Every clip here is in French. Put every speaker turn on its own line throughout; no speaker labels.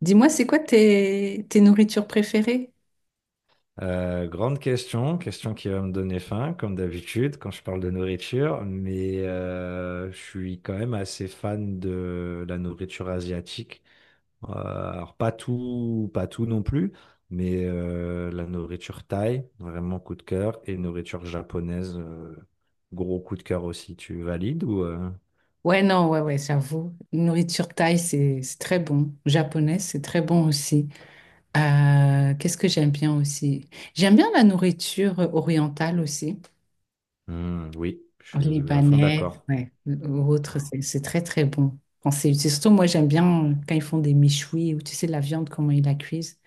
Dis-moi, c'est quoi tes nourritures préférées?
Grande question, question qui va me donner faim, comme d'habitude, quand je parle de nourriture, mais je suis quand même assez fan de la nourriture asiatique. Euh, alors pas tout non plus, mais la nourriture thaï, vraiment coup de cœur, et nourriture japonaise, gros coup de cœur aussi. Tu valides ou
Ouais, non, ouais, ouais, j'avoue. Nourriture thaï, c'est très bon. Japonaise, c'est très bon aussi. Qu'est-ce que j'aime bien aussi? J'aime bien la nourriture orientale aussi.
Hmm, oui, je suis à fond
Libanais,
d'accord.
ouais, ou autre, c'est très, très bon. Quand c'est surtout, moi, j'aime bien quand ils font des méchouis, ou tu sais, la viande, comment ils la cuisent.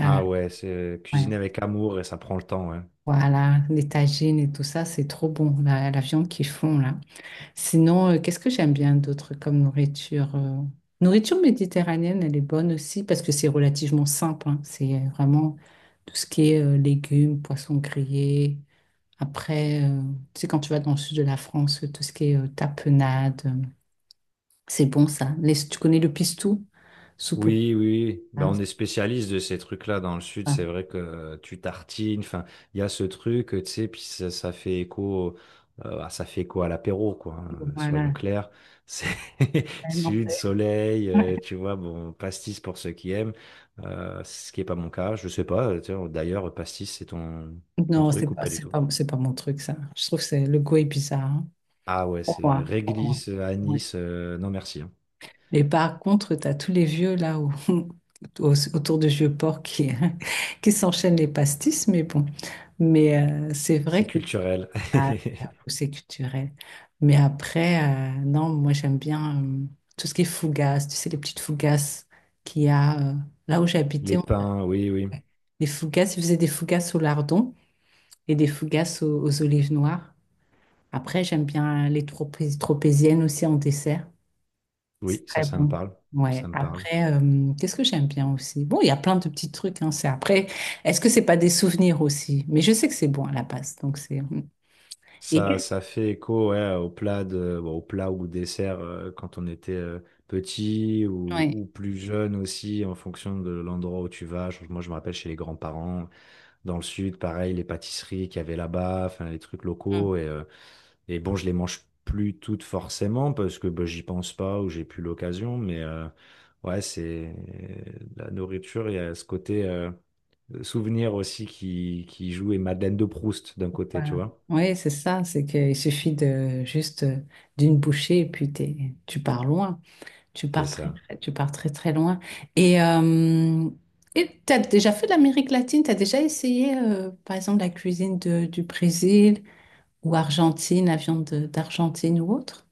Euh,
Ah ouais, c'est cuisiner
ouais,
avec amour et ça prend le temps, ouais.
voilà, les tagines et tout ça, c'est trop bon, la viande qu'ils font là. Sinon, qu'est-ce que j'aime bien d'autre comme nourriture? Nourriture méditerranéenne, elle est bonne aussi parce que c'est relativement simple, hein. C'est vraiment tout ce qui est légumes, poissons grillés. Après, tu sais, quand tu vas dans le sud de la France, tout ce qui est tapenade, c'est bon ça. Tu connais le pistou? Soupe au
Oui, oui, oui. Ben
hein,
on
c'est
est spécialiste de ces trucs-là dans le sud. C'est
pas-
vrai que tu tartines, enfin, il y a ce truc, tu sais, puis ça fait écho, ça fait écho à l'apéro, quoi. Hein,
bon,
soyons
voilà.
clairs, c'est
Ouais, non,
sud, soleil, tu vois, bon, pastis pour ceux qui aiment, ce qui est pas mon cas. Je sais pas. Tiens, d'ailleurs, pastis, c'est ton
non,
truc ou pas du tout?
c'est pas mon truc, ça. Je trouve que c'est, le goût est bizarre, hein.
Ah ouais, c'est
Pour moi.
réglisse, anis, non merci. Hein.
Mais par contre, tu as tous les vieux là autour de vieux porcs qui, qui s'enchaînent les pastis, mais bon. Mais c'est vrai
C'est
que
culturel.
ah, j'avoue, c'est culturel. Mais après, non, moi j'aime bien tout ce qui est fougasse, tu sais, les petites fougasses qu'il y a là où
Les
j'habitais.
pains, oui, oui.
Les fougasses, ils faisaient des fougasses au lardon et des fougasses aux olives noires. Après, j'aime bien les tropéziennes aussi en dessert.
Oui,
C'est
ça,
très
ça me
bon.
parle.
Ouais.
Ça me parle.
Après, qu'est-ce que j'aime bien aussi? Bon, il y a plein de petits trucs, hein, c'est après. Est-ce que c'est pas des souvenirs aussi? Mais je sais que c'est bon à la base, donc c'est. Mmh. Et
Ça, ça fait écho ouais, au plat de, bon, au plat ou dessert quand on était petit
ouais.
ou plus jeune aussi, en fonction de l'endroit où tu vas. Moi, je me rappelle chez les grands-parents, dans le sud, pareil, les pâtisseries qu'il y avait là-bas, enfin, les trucs
Hum,
locaux. Et bon, je les mange plus toutes forcément parce que bah, j'y pense pas ou j'ai plus l'occasion. Mais ouais, c'est la nourriture, il y a ce côté. Souvenir aussi qui joue et Madeleine de Proust d'un côté, tu
voilà.
vois.
Ouais, c'est ça, c'est qu'il suffit de juste d'une bouchée et puis tu pars loin, tu
C'est
pars
ça.
tu pars très très loin. Et euh, et t'as déjà fait l'Amérique latine? T'as déjà essayé, par exemple, la cuisine du Brésil ou Argentine, la viande d'Argentine ou autre?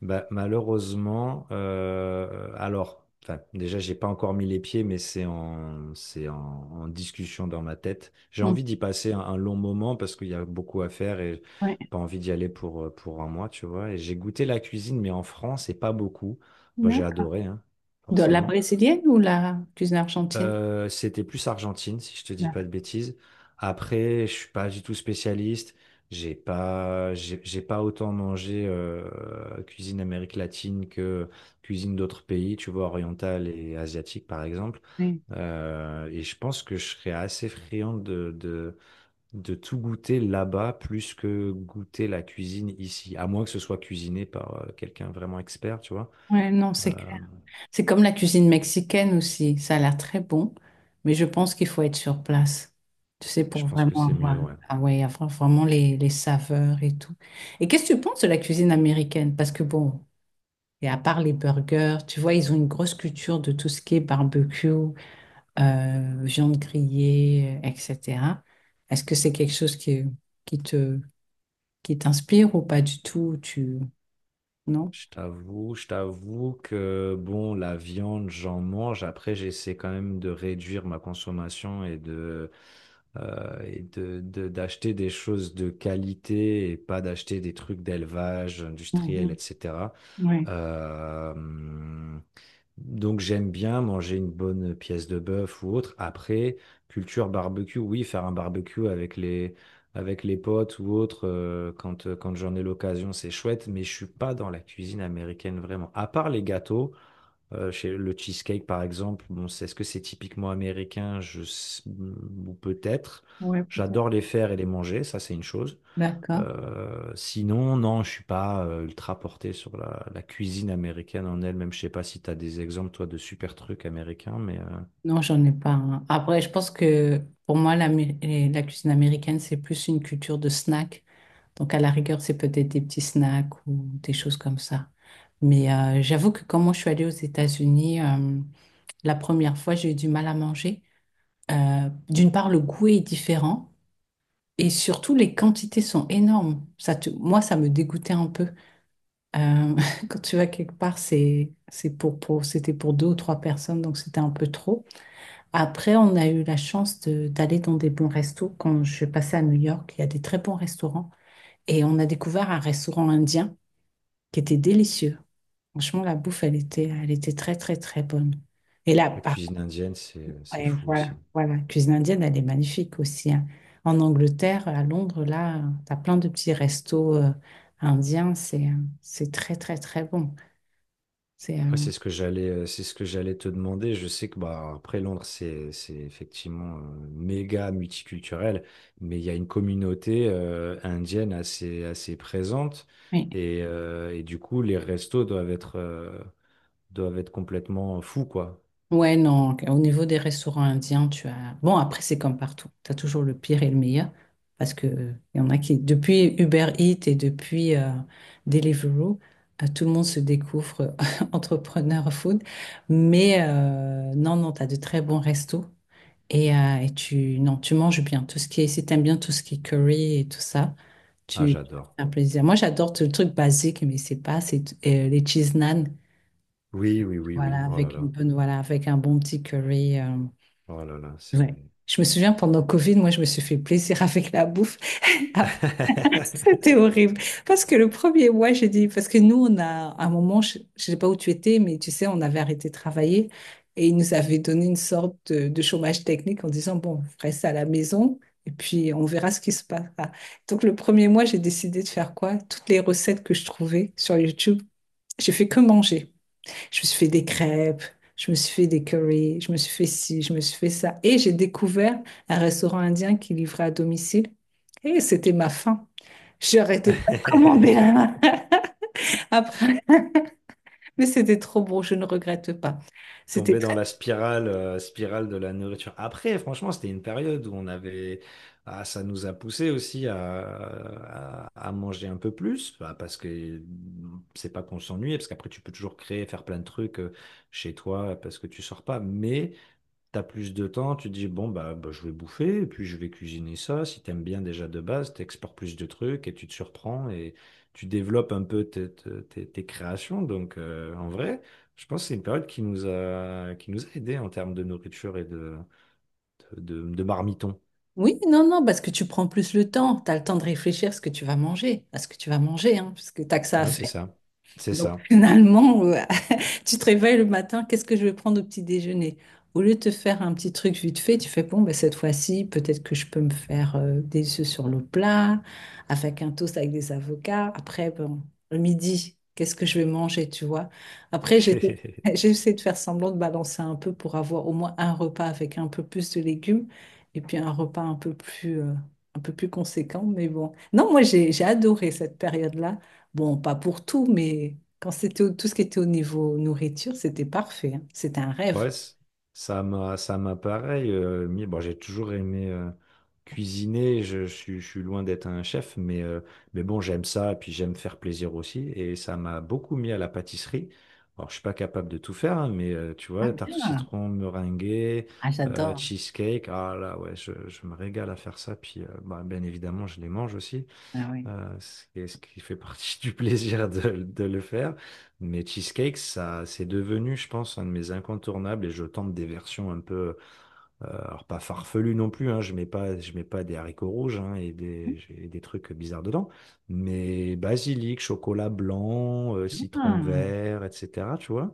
Bah, malheureusement, alors, enfin, déjà, j'ai pas encore mis les pieds, mais c'est en, en discussion dans ma tête. J'ai
Mmh.
envie d'y passer un long moment parce qu'il y a beaucoup à faire et
Ouais,
pas envie d'y aller pour un mois, tu vois. Et j'ai goûté la cuisine, mais en France, et pas beaucoup. Bah, j'ai
d'accord.
adoré, hein,
Dans la
forcément.
brésilienne ou la cuisine argentine?
C'était plus Argentine, si je te dis pas
D'accord.
de bêtises. Après, je suis pas du tout spécialiste. J'ai pas autant mangé cuisine Amérique latine que cuisine d'autres pays, tu vois, orientale et asiatique par exemple.
Oui.
Et je pense que je serais assez friand de tout goûter là-bas plus que goûter la cuisine ici, à moins que ce soit cuisiné par quelqu'un vraiment expert, tu vois.
Ouais, non, c'est
Euh,
clair. C'est comme la cuisine mexicaine aussi. Ça a l'air très bon, mais je pense qu'il faut être sur place. Tu sais,
je
pour
pense que
vraiment
c'est
avoir,
mieux, ouais.
ah ouais, avoir vraiment les saveurs et tout. Et qu'est-ce que tu penses de la cuisine américaine? Parce que bon, et à part les burgers, tu vois, ils ont une grosse culture de tout ce qui est barbecue, viande grillée, etc. Est-ce que c'est quelque chose qui te, qui t'inspire ou pas du tout? Tu... Non?
Je t'avoue que bon, la viande, j'en mange. Après, j'essaie quand même de réduire ma consommation et de d'acheter des choses de qualité et pas d'acheter des trucs d'élevage industriel,
Mhm.
etc.
Ouais,
Euh, donc j'aime bien manger une bonne pièce de bœuf ou autre. Après, culture barbecue, oui, faire un barbecue avec les potes ou autre, quand j'en ai l'occasion, c'est chouette, mais je suis pas dans la cuisine américaine vraiment. À part les gâteaux, chez le cheesecake par exemple, bon, est-ce que c'est typiquement américain? Ou peut-être.
ouais, peut-être.
J'adore les faire et les manger, ça c'est une chose.
D'accord.
Sinon, non, je suis pas ultra porté sur la cuisine américaine en elle-même. Je sais pas si tu as des exemples, toi, de super trucs américains, mais
Non, j'en ai pas, hein. Après, je pense que pour moi, la, et la cuisine américaine, c'est plus une culture de snack. Donc, à la rigueur, c'est peut-être des petits snacks ou des choses comme ça. Mais j'avoue que quand moi, je suis allée aux États-Unis, la première fois, j'ai eu du mal à manger. D'une part, le goût est différent et surtout, les quantités sont énormes. Moi, ça me dégoûtait un peu. Euh, quand tu vas quelque part, c'était pour deux ou trois personnes, donc c'était un peu trop. Après, on a eu la chance d'aller dans des bons restos. Quand je suis passée à New York, il y a des très bons restaurants. Et on a découvert un restaurant indien qui était délicieux. Franchement, la bouffe, elle était très bonne. Et là,
la
par
cuisine
contre,
indienne, c'est
ouais,
fou aussi.
voilà, la cuisine indienne, elle est magnifique aussi, hein. En Angleterre, à Londres, là, tu as plein de petits restos indiens. C'est très, très, très bon. C'est,
Après,
euh,
c'est ce que j'allais te demander. Je sais que bah après Londres, c'est effectivement méga multiculturel, mais il y a une communauté indienne assez présente
oui.
et du coup, les restos doivent être complètement fous, quoi.
Ouais, non, au niveau des restaurants indiens, tu as... Bon, après, c'est comme partout. Tu as toujours le pire et le meilleur. Parce que il y en a qui, depuis Uber Eats et depuis Deliveroo, tout le monde se découvre entrepreneur food. Mais non, non, tu as de très bons restos. Et tu, non, tu manges bien. Tout ce qui est, si t'aimes bien tout ce qui est curry et tout ça,
Ah,
tu
j'adore.
as un plaisir. Moi, j'adore le truc basique, mais c'est pas, c'est les cheese naan.
Oui, oui, oui, oui. Oh là là.
Voilà, avec un bon petit curry.
Oh là là,
Ouais.
c'est...
Je me souviens pendant Covid, moi je me suis fait plaisir avec la bouffe. Après, c'était horrible. Parce que le premier mois, j'ai dit, parce que nous, on a à un moment, je ne sais pas où tu étais, mais tu sais, on avait arrêté de travailler et ils nous avaient donné une sorte de chômage technique en disant, bon, vous ça à la maison et puis on verra ce qui se passe. Donc le premier mois, j'ai décidé de faire quoi? Toutes les recettes que je trouvais sur YouTube, j'ai fait que manger. Je me suis fait des crêpes, je me suis fait des curry, je me suis fait ci, je me suis fait ça. Et j'ai découvert un restaurant indien qui livrait à domicile. Et c'était ma faim. J'ai arrêté pas de commander là, après. Mais c'était trop bon, je ne regrette pas. C'était
Tomber dans
très...
la spirale, spirale de la nourriture. Après, franchement, c'était une période où on avait... Ah, ça nous a poussé aussi à manger un peu plus, bah, parce que c'est pas qu'on s'ennuie, parce qu'après, tu peux toujours créer, faire plein de trucs chez toi, parce que tu sors pas. Mais... T'as plus de temps, tu dis, bon, bah, je vais bouffer, et puis je vais cuisiner ça. Si t'aimes bien déjà de base, t'exportes plus de trucs et tu te surprends et tu développes un peu tes créations. Donc, en vrai, je pense que c'est une période qui nous a aidés en termes de nourriture et de, de marmiton.
Oui, non, non, parce que tu prends plus le temps. Tu as le temps de réfléchir à ce que tu vas manger, à ce que tu vas manger, hein, parce que tu que ça à
Ouais, c'est
faire.
ça. C'est
Donc
ça.
finalement, tu te réveilles le matin, qu'est-ce que je vais prendre au petit déjeuner? Au lieu de te faire un petit truc vite fait, tu fais, bon, ben, cette fois-ci, peut-être que je peux me faire des œufs sur le plat, avec un toast avec des avocats. Après, bon, le midi, qu'est-ce que je vais manger, tu vois? Après, j'essaie de faire semblant de balancer un peu pour avoir au moins un repas avec un peu plus de légumes et puis un repas un peu plus conséquent. Mais bon, non, moi, j'ai adoré cette période-là. Bon, pas pour tout, mais quand c'était tout ce qui était au niveau nourriture, c'était parfait, hein. C'était un rêve.
Ouais, ça m'a pareil. Mis, bon, j'ai toujours aimé cuisiner. Je suis loin d'être un chef, mais bon, j'aime ça. Et puis j'aime faire plaisir aussi. Et ça m'a beaucoup mis à la pâtisserie. Alors, je suis pas capable de tout faire, hein, mais tu
Ah
vois, tarte au
bien.
citron, meringuée,
Ah, j'adore.
cheesecake. Ah là, ouais, je me régale à faire ça. Puis, bien évidemment, je les mange aussi.
Ah oui.
C'est ce qui fait partie du plaisir de le faire. Mais cheesecake, ça, c'est devenu, je pense, un de mes incontournables et je tente des versions un peu, alors pas farfelues non plus, hein, je mets pas des haricots rouges hein, et des, j'ai des trucs bizarres dedans, mais basilic, chocolat blanc, citron
Ah.
vert, etc. Tu vois,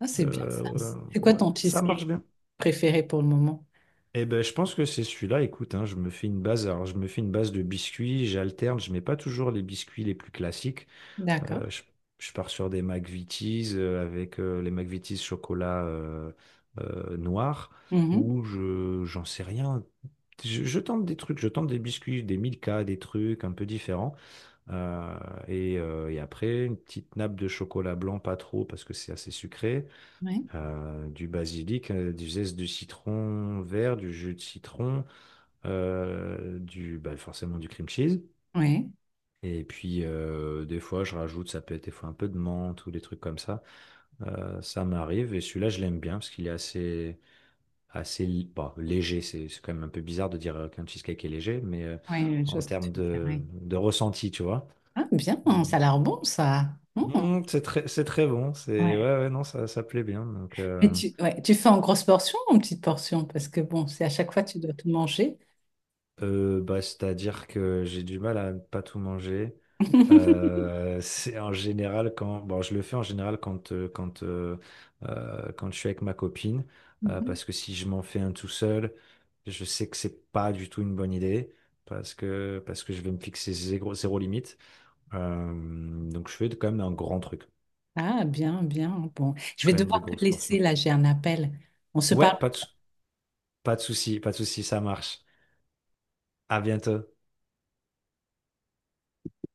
Ah, c'est bien ça.
Euh,
C'est quoi
ouais,
ton
ça marche
cheesecake
bien.
préféré pour le moment?
Eh ben, je pense que c'est celui-là. Écoute, hein, je me fais une base. Alors, je me fais une base de biscuits. J'alterne. Je mets pas toujours les biscuits les plus classiques.
D'accord.
Euh, je, je pars sur des McVitie's avec les McVitie's chocolat noir
Mhm.
ou je j'en sais rien. Je tente des trucs, je tente des biscuits, des Milka, des trucs un peu différents. Euh, et après, une petite nappe de chocolat blanc, pas trop parce que c'est assez sucré.
Oui,
Du basilic, du zeste de citron vert, du jus de citron, bah, forcément du cream cheese.
oui,
Et puis, des fois, je rajoute, ça peut être des fois un peu de menthe ou des trucs comme ça. Ça m'arrive. Et celui-là, je l'aime bien parce qu'il est assez, bon, léger. C'est quand même un peu bizarre de dire qu'un cheesecake est léger, mais
oui, je vois
en
ce que tu
termes
veux dire. Oui.
de ressenti, tu vois.
Ah, bien,
Euh,
ça a l'air bon, ça. Mhm.
c'est très bon. C'est, ouais,
Ouais.
ouais, non, ça plaît bien. Donc,
Mais tu, ouais, tu fais en grosse portion ou en petite portion? Parce que bon, c'est à chaque fois tu dois tout manger.
Bah, c'est-à-dire que j'ai du mal à ne pas tout manger. C'est en général quand, bon, je le fais en général quand quand je suis avec ma copine,
Mhm.
parce que si je m'en fais un tout seul, je sais que c'est pas du tout une bonne idée, parce que je vais me fixer zéro limite. Euh, donc je fais quand même un grand truc,
Ah, bien, bien. Bon, je vais
quand même des
devoir te
grosses
laisser
portions.
là, j'ai un appel. On se
Ouais,
parle.
pas de souci, pas de souci, ça marche. À bientôt.